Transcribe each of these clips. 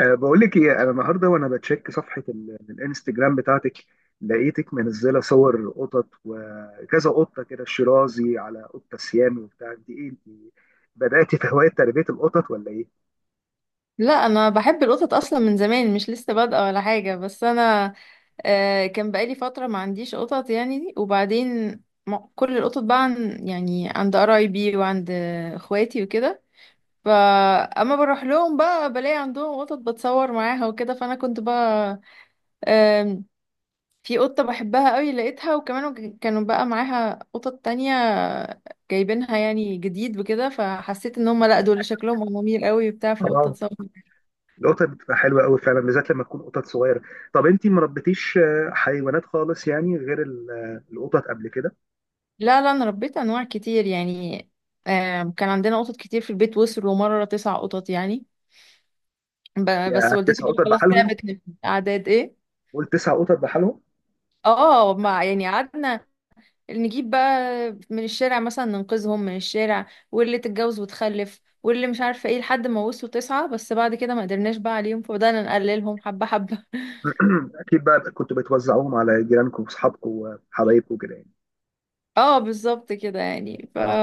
أه، بقول لك ايه، انا النهارده وانا بتشيك صفحه الانستجرام بتاعتك، لقيتك منزله صور قطط وكذا قطه كده، شيرازي على قطه سيام وبتاع. دي ايه انت، بداتي في هوايه تربيه القطط ولا ايه؟ لا، انا بحب القطط اصلا من زمان، مش لسه بادئه ولا حاجه. بس انا كان بقالي فتره ما عنديش قطط يعني. وبعدين كل القطط بقى عن يعني عند قرايبي وعند اخواتي وكده. فاما بروح لهم بقى بلاقي عندهم قطط بتصور معاها وكده. فانا كنت بقى آم، في قطه بحبها قوي لقيتها، وكمان كانوا بقى معاها قطط تانية جايبينها يعني جديد وكده. فحسيت ان هم لا دول شكلهم امامير قوي وبتاع، فقلت اه، اتصور. القطط بتبقى حلوه قوي فعلا، بالذات لما تكون قطط صغيره. طب انت ما ربيتيش حيوانات خالص يعني، غير القطط قبل كده؟ لا لا، انا ربيت انواع كتير يعني. كان عندنا قطط كتير في البيت، وصلوا مرة تسع قطط يعني. بس يعني والدتي تسع بقى قطط خلاص بحالهم؟ تعبت من اعداد ايه. قول: تسع قطط بحالهم. اه ما يعني قعدنا نجيب بقى من الشارع مثلا، ننقذهم من الشارع، واللي تتجوز وتخلف واللي مش عارفة ايه لحد ما وصلوا تسعة. بس بعد كده ما قدرناش بقى عليهم، فبدأنا نقللهم حبة حبة. اكيد بقى كنتوا بتوزعوهم على جيرانكم واصحابكم وحبايبكم كده يعني. اه بالظبط كده يعني. ف اه.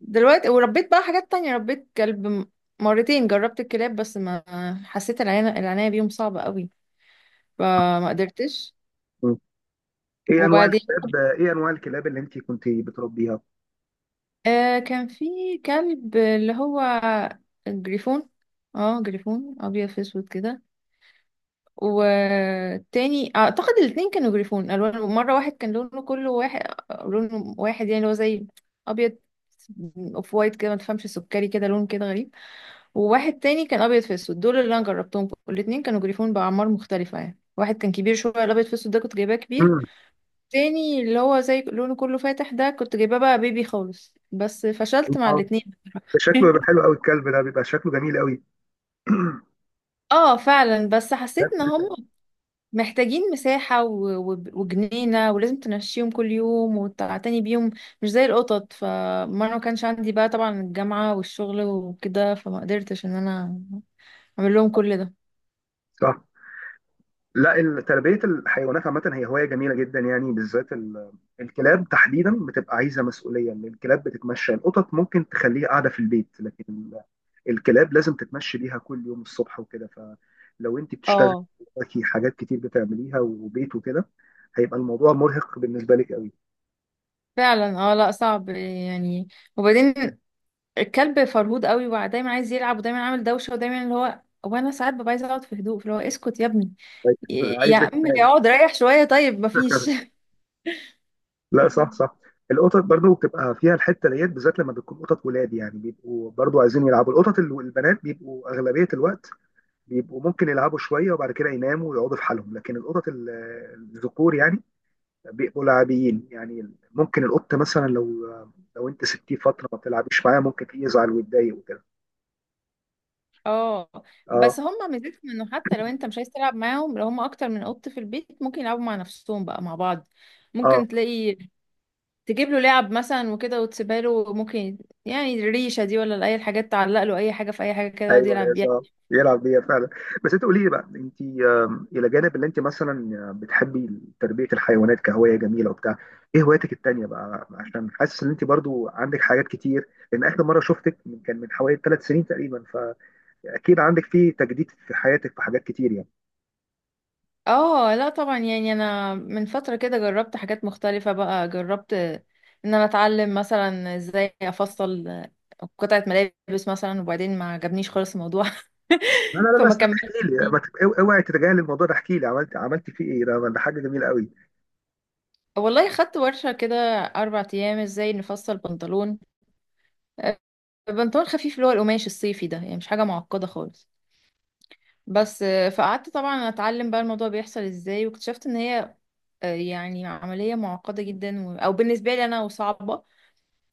دلوقتي وربيت بقى حاجات تانية، ربيت كلب مرتين. جربت الكلاب بس ما حسيت، العناية بيهم صعبة قوي فما قدرتش. وبعدين ايه انواع الكلاب اللي انت كنت بتربيها؟ آه كان في كلب اللي هو جريفون. اه جريفون ابيض في اسود كده. والتاني اعتقد الاتنين كانوا جريفون الوان. مرة واحد كان لونه كله واحد، لونه واحد يعني اللي هو زي ابيض اوف وايت كده، ما تفهمش سكري كده، لون كده غريب. وواحد تاني كان ابيض في اسود. دول اللي انا جربتهم الاتنين، كانوا جريفون باعمار مختلفه يعني. واحد كان كبير شويه، الابيض في اسود ده كنت جايباه كبير. امم تاني اللي هو زي لونه كله فاتح ده كنت جايباه بقى بيبي خالص. بس فشلت مع الاتنين. شكله بيبقى حلو قوي الكلب ده، بيبقى شكله جميل قوي. اه فعلا، بس كلاب حسيت ان كتير هم قوي. محتاجين مساحة وجنينة، ولازم تمشيهم كل يوم وتعتني بيهم، مش زي القطط. فما انا ما كانش عندي بقى، طبعا الجامعة والشغل وكده، فما قدرتش ان انا اعمل لهم كل ده. صح. لا، تربيه الحيوانات عامه هي هوايه جميله جدا يعني، بالذات الكلاب تحديدا بتبقى عايزه مسؤوليه. إن الكلاب بتتمشى، القطط ممكن تخليها قاعده في البيت، لكن الكلاب لازم تتمشي بيها كل يوم الصبح وكده. فلو انت بتشتغلي، اه وراكي حاجات كتير بتعمليها وبيت وكده، هيبقى الموضوع مرهق بالنسبه لك قوي. فعلا. اه لا صعب يعني. وبعدين الكلب فرهود قوي ودايما عايز يلعب ودايما عامل دوشه ودايما اللي هو، وانا ساعات ببقى عايزه اقعد في هدوء، فاللي هو اسكت يا ابني، يا عايزه عم تنام. اقعد ريح شويه طيب، مفيش. لا، صح مم. صح. القطط برضو بتبقى فيها الحته ديت، بالذات لما بتكون قطط ولاد، يعني بيبقوا برضو عايزين يلعبوا. القطط البنات بيبقوا اغلبيه الوقت بيبقوا ممكن يلعبوا شويه وبعد كده يناموا ويقعدوا في حالهم، لكن القطط الذكور يعني بيبقوا لاعبين. يعني ممكن القط مثلا لو انت سبتيه فتره ما بتلعبيش معاه، ممكن يزعل ويتضايق وكده. اه اه. بس هم ميزتهم انه حتى لو انت مش عايز تلعب معاهم، لو هم اكتر من قط في البيت ممكن يلعبوا مع نفسهم بقى مع بعض. اه، ممكن تلاقي تجيب له لعب مثلا وكده وتسيبها له ممكن، يعني الريشه دي ولا اي حاجات تعلق له اي حاجه في اي حاجه كده يقعد ايوه يلعب يا بيها. صاحب، يلعب بيها فعلا. بس انت قولي لي بقى، انت الى جانب اللي انت مثلا بتحبي تربيه الحيوانات كهوايه جميله وبتاع، ايه هواياتك التانيه بقى؟ عشان حاسس ان انت برضو عندك حاجات كتير، لان اخر مره شفتك كان من حوالي ثلاث سنين تقريبا، فاكيد عندك فيه تجديد في حياتك، في حاجات كتير يعني. اه لا طبعا يعني. انا من فترة كده جربت حاجات مختلفة بقى، جربت ان انا اتعلم مثلا ازاي افصل قطعة ملابس مثلا، وبعدين ما عجبنيش خالص الموضوع. لا لا لا لا، فما استنى كملتش احكي لي، فيه. ما تبقى- اوعي تتجاهل الموضوع ده. احكي لي، عملت فيه ايه؟ ده حاجه جميله قوي. والله خدت ورشة كده 4 ايام ازاي نفصل بنطلون. آه، بنطلون خفيف اللي هو القماش الصيفي ده يعني، مش حاجة معقدة خالص. بس فقعدت طبعا اتعلم بقى الموضوع بيحصل ازاي، واكتشفت ان هي يعني عملية معقدة جدا أو بالنسبة لي أنا، وصعبة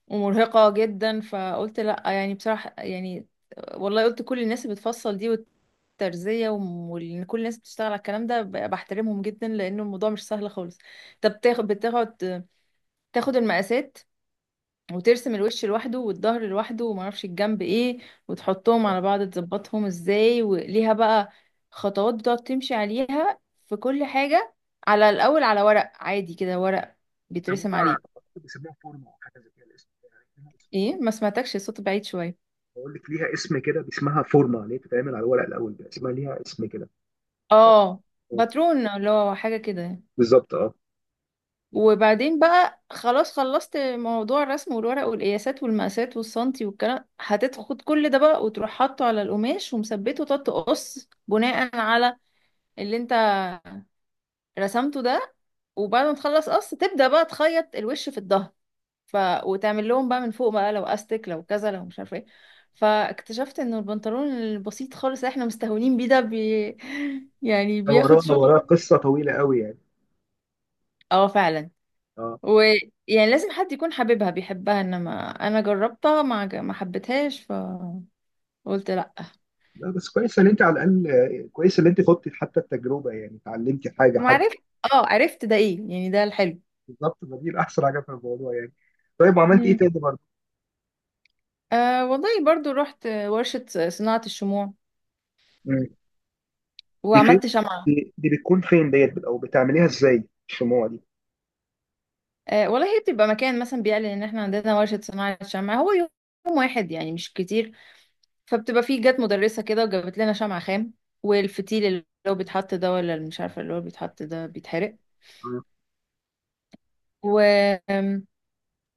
ومرهقة جدا. فقلت لأ يعني بصراحة يعني، والله قلت كل الناس اللي بتفصل دي والترزية وإن كل الناس بتشتغل على الكلام ده بحترمهم جدا، لأنه الموضوع مش سهل خالص. طب تاخد المقاسات وترسم الوش لوحده والظهر لوحده ومعرفش الجنب ايه، وتحطهم على بعض تظبطهم ازاي. وليها بقى خطوات بتقعد تمشي عليها في كل حاجة. على الأول على ورق عادي كده، ورق بيترسم بيسموها عليه. بيسموها فورمه او حاجه زي كده الاسم. ايه ما سمعتكش، الصوت بعيد شوية. بقول لك ليها اسم كده، اسمها فورمه، اللي هي بتتعمل على الورق الاول ده، اسمها ليها اسم كده. اه باترون، اللي هو حاجة كده يعني. بالظبط، اه. وبعدين بقى خلاص خلصت موضوع الرسم والورق والقياسات والمقاسات والسنتي والكلام، هتاخد كل ده بقى وتروح حاطه على القماش ومثبته، وتقعد تقص بناء على اللي انت رسمته ده. وبعد ما تخلص قص تبدأ بقى تخيط الوش في الظهر، ف... وتعمل لهم بقى من فوق بقى لو استك لو كذا لو مش عارفه ايه. فاكتشفت انه البنطلون البسيط خالص اللي احنا مستهونين بيه ده يعني ده بياخد وراها شغل. وراها قصه طويله قوي يعني. اه فعلا. اه. ويعني لازم حد يكون حاببها بيحبها، انما انا جربتها ما حبيتهاش فقلت لا. لا بس كويس ان انت على الاقل، كويس ان انت خضتي حتى التجربه، يعني اتعلمتي حاجه ما حتى. عرفت. اه عرفت ده ايه يعني، ده الحلو. بالظبط، ما دي الاحسن حاجه في الموضوع يعني. طيب، وعملت ايه مم. تاني برضه؟ آه والله برضو رحت ورشة صناعة الشموع مم. دي فين؟ وعملت شمعة. دي بتكون فين ديت، او بتعمليها ازاي الشموع دي؟ آه والله هي بتبقى مكان مثلا بيعلن ان احنا عندنا ورشة صناعة شمعة، هو يوم واحد يعني مش كتير. فبتبقى فيه، جت مدرسة كده وجابت لنا شمعة خام والفتيل اللي هو بيتحط ده، ولا اللي مش عارفة اللي هو بيتحط ده بيتحرق. آه. و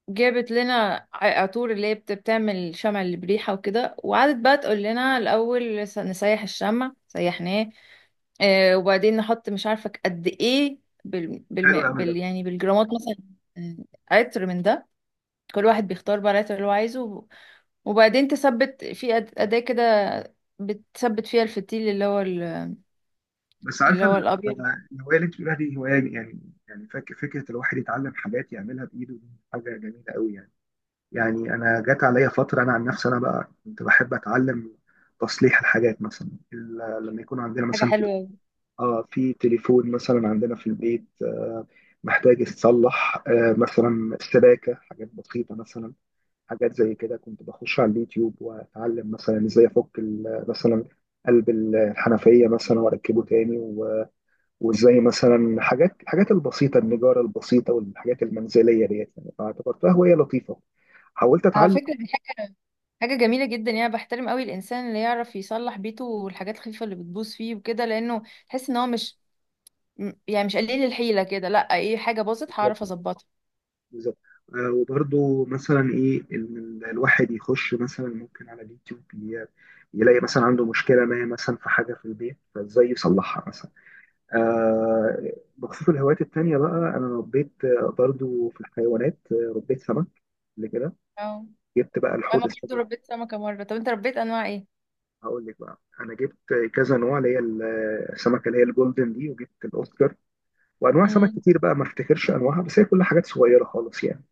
جابت لنا عطور اللي هي بتعمل شمع اللي بريحة وكده، وقعدت بقى تقول لنا الأول، نسيح الشمع سيحناه. آه وبعدين نحط مش عارفة قد ايه حلو العمل ده. يعني بالجرامات مثلا. عطر من ده، كل واحد بيختار بقى العطر اللي هو عايزه وبعدين تثبت في أداة كده، بتثبت فيها الفتيل اللي هو بس اللي عارفه هو الأبيض. الهوايه اللي انت بتقولها دي هوايه يعني، يعني فكره الواحد يتعلم حاجات يعملها بايده دي حاجه جميله قوي يعني. يعني انا جات عليا فتره، انا عن نفسي انا بقى كنت بحب اتعلم تصليح الحاجات مثلا، لما يكون عندنا حاجة مثلا حلوة أوي. اه في تليفون مثلا عندنا في البيت، آه محتاج يتصلح، آه مثلا السباكه، حاجات بسيطه مثلا، حاجات زي كده. كنت بخش على اليوتيوب واتعلم مثلا ازاي افك مثلا قلب الحنفيه مثلا واركبه تاني وازاي مثلا حاجات الحاجات البسيطه، النجاره البسيطه والحاجات المنزليه ديت يعني، فاعتبرتها هوايه لطيفه، حاولت على اتعلم. فكرة حاجة جميلة جدا يعني، بحترم قوي الإنسان اللي يعرف يصلح بيته والحاجات الخفيفة اللي بتبوظ فيه وكده، لأنه تحس إن هو مش يعني مش قليل الحيلة كده. لأ إيه، حاجة باظت هعرف أظبطها. بالظبط. آه، وبرضو مثلا ايه ان الواحد يخش مثلا ممكن على اليوتيوب يلاقي مثلا عنده مشكله ما مثلا في حاجه في البيت، فازاي يصلحها مثلا. آه، بخصوص الهوايات التانيه بقى، انا ربيت برضو في الحيوانات، ربيت سمك قبل كده، أو جبت بقى الحوض أنا برضو السمك. ربيت سمكة مرة. طب أنت ربيت أنواع إيه؟ هقول لك بقى، انا جبت كذا نوع، اللي هي السمكه اللي هي الجولدن دي، وجبت الاوسكار، وانواع سمك مم. كتير بقى ما افتكرش انواعها، بس هي كل حاجات صغيره خالص يعني.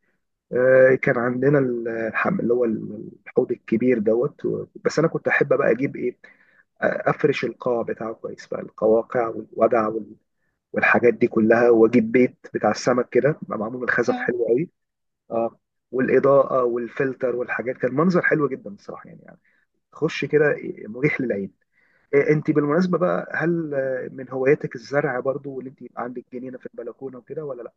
كان عندنا اللي هو الحوض الكبير دوت بس انا كنت احب بقى اجيب ايه، افرش القاع بتاعه كويس بقى، القواقع والودع والحاجات دي كلها، واجيب بيت بتاع السمك كده بقى، معمول من خزف آه. حلو قوي. اه. والاضاءه والفلتر والحاجات، كان منظر حلو جدا الصراحه يعني، يعني خش كده، إيه، مريح للعين. إيه، انت بالمناسبه بقى، هل من هواياتك الزرع برضو، واللي انت يبقى عندك جنينه في البلكونه وكده ولا لا؟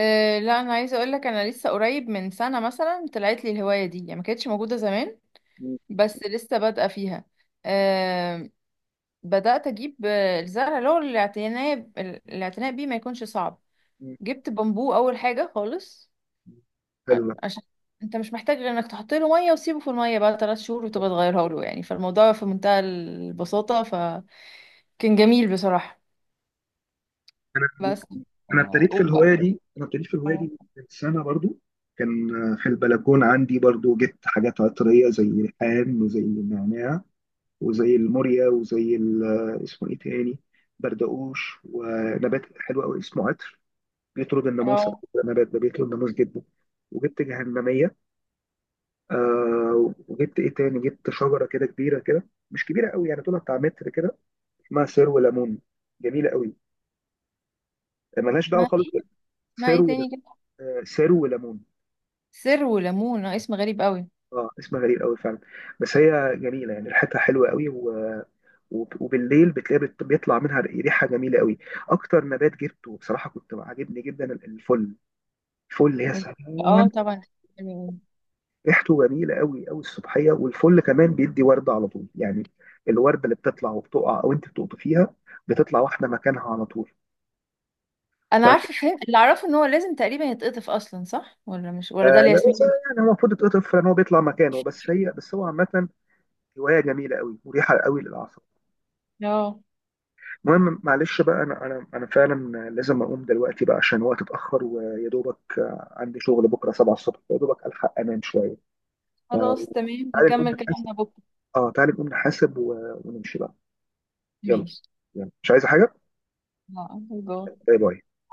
أه لا أنا عايزة أقولك، أنا لسه قريب من سنة مثلا طلعت لي الهواية دي يعني، ما كانتش موجودة زمان. مم. بس لسه بادئة فيها. أه بدأت أجيب الزرع، اللي هو الاعتناء بيه ما يكونش صعب. مم. جبت بامبو أول حاجة خالص. حلو. عشان انت مش محتاج غير انك تحط له ميه وسيبه في الميه بقى 3 شهور وتبقى تغيرها له يعني، فالموضوع في منتهى البساطه، فكان جميل بصراحه. بس آه، و- انا ابتديت في الهوايه اه. دي من سنه برضو. كان في البلكون عندي برضو، جبت حاجات عطريه زي الريحان وزي النعناع وزي الموريا وزي اسمه ايه تاني، بردقوش، ونبات حلو قوي اسمه عطر، بيطرد الناموس على اه فكرة، النبات ده بيطرد الناموس جدا. وجبت جهنميه. آه، وجبت ايه تاني، جبت شجره كده كبيره كده، مش كبيره قوي يعني طولها بتاع متر كده، اسمها سرو ليمون، جميله قوي، ملهاش ما دعوه خالص. ايه ما ايه سرو تاني كده. آه، سرو ليمون. سر وليمون، اسم غريب قوي. اه، اسمها غريب قوي فعلا، بس هي جميله، يعني ريحتها حلوه قوي، وبالليل بتلاقي بيطلع منها ريحه جميله قوي. اكتر نبات جبته بصراحه كنت عاجبني جدا، الفل. الفل يا سلام، اه طبعا. ريحته جميله قوي قوي الصبحيه، والفل كمان بيدي ورده على طول يعني، الورده اللي بتطلع وبتقع او انت بتقطفيها، فيها بتطلع واحده مكانها على طول. ف انا عارفه فين اللي اعرفه ان هو لازم تقريبا يتقطف اصلا، صح ولا مش، آه، ولا ده لا الياسمين. بس، يعني هو المفروض يتقطف لان هو بيطلع مكانه، بس هو عامه هوايه جميله قوي، مريحه قوي للاعصاب. اه المهم، معلش بقى، انا فعلا لازم اقوم دلوقتي بقى، عشان الوقت اتاخر، ويا دوبك عندي شغل بكره 7 الصبح، يا دوبك الحق انام شويه. خلاص تمام، فتعالى نقوم نكمل نحاسب. كلامنا بكره. اه، تعالى نقوم نحاسب ونمشي بقى. يلا. ماشي. يلا، مش عايزه حاجه. اه باي. باي باي.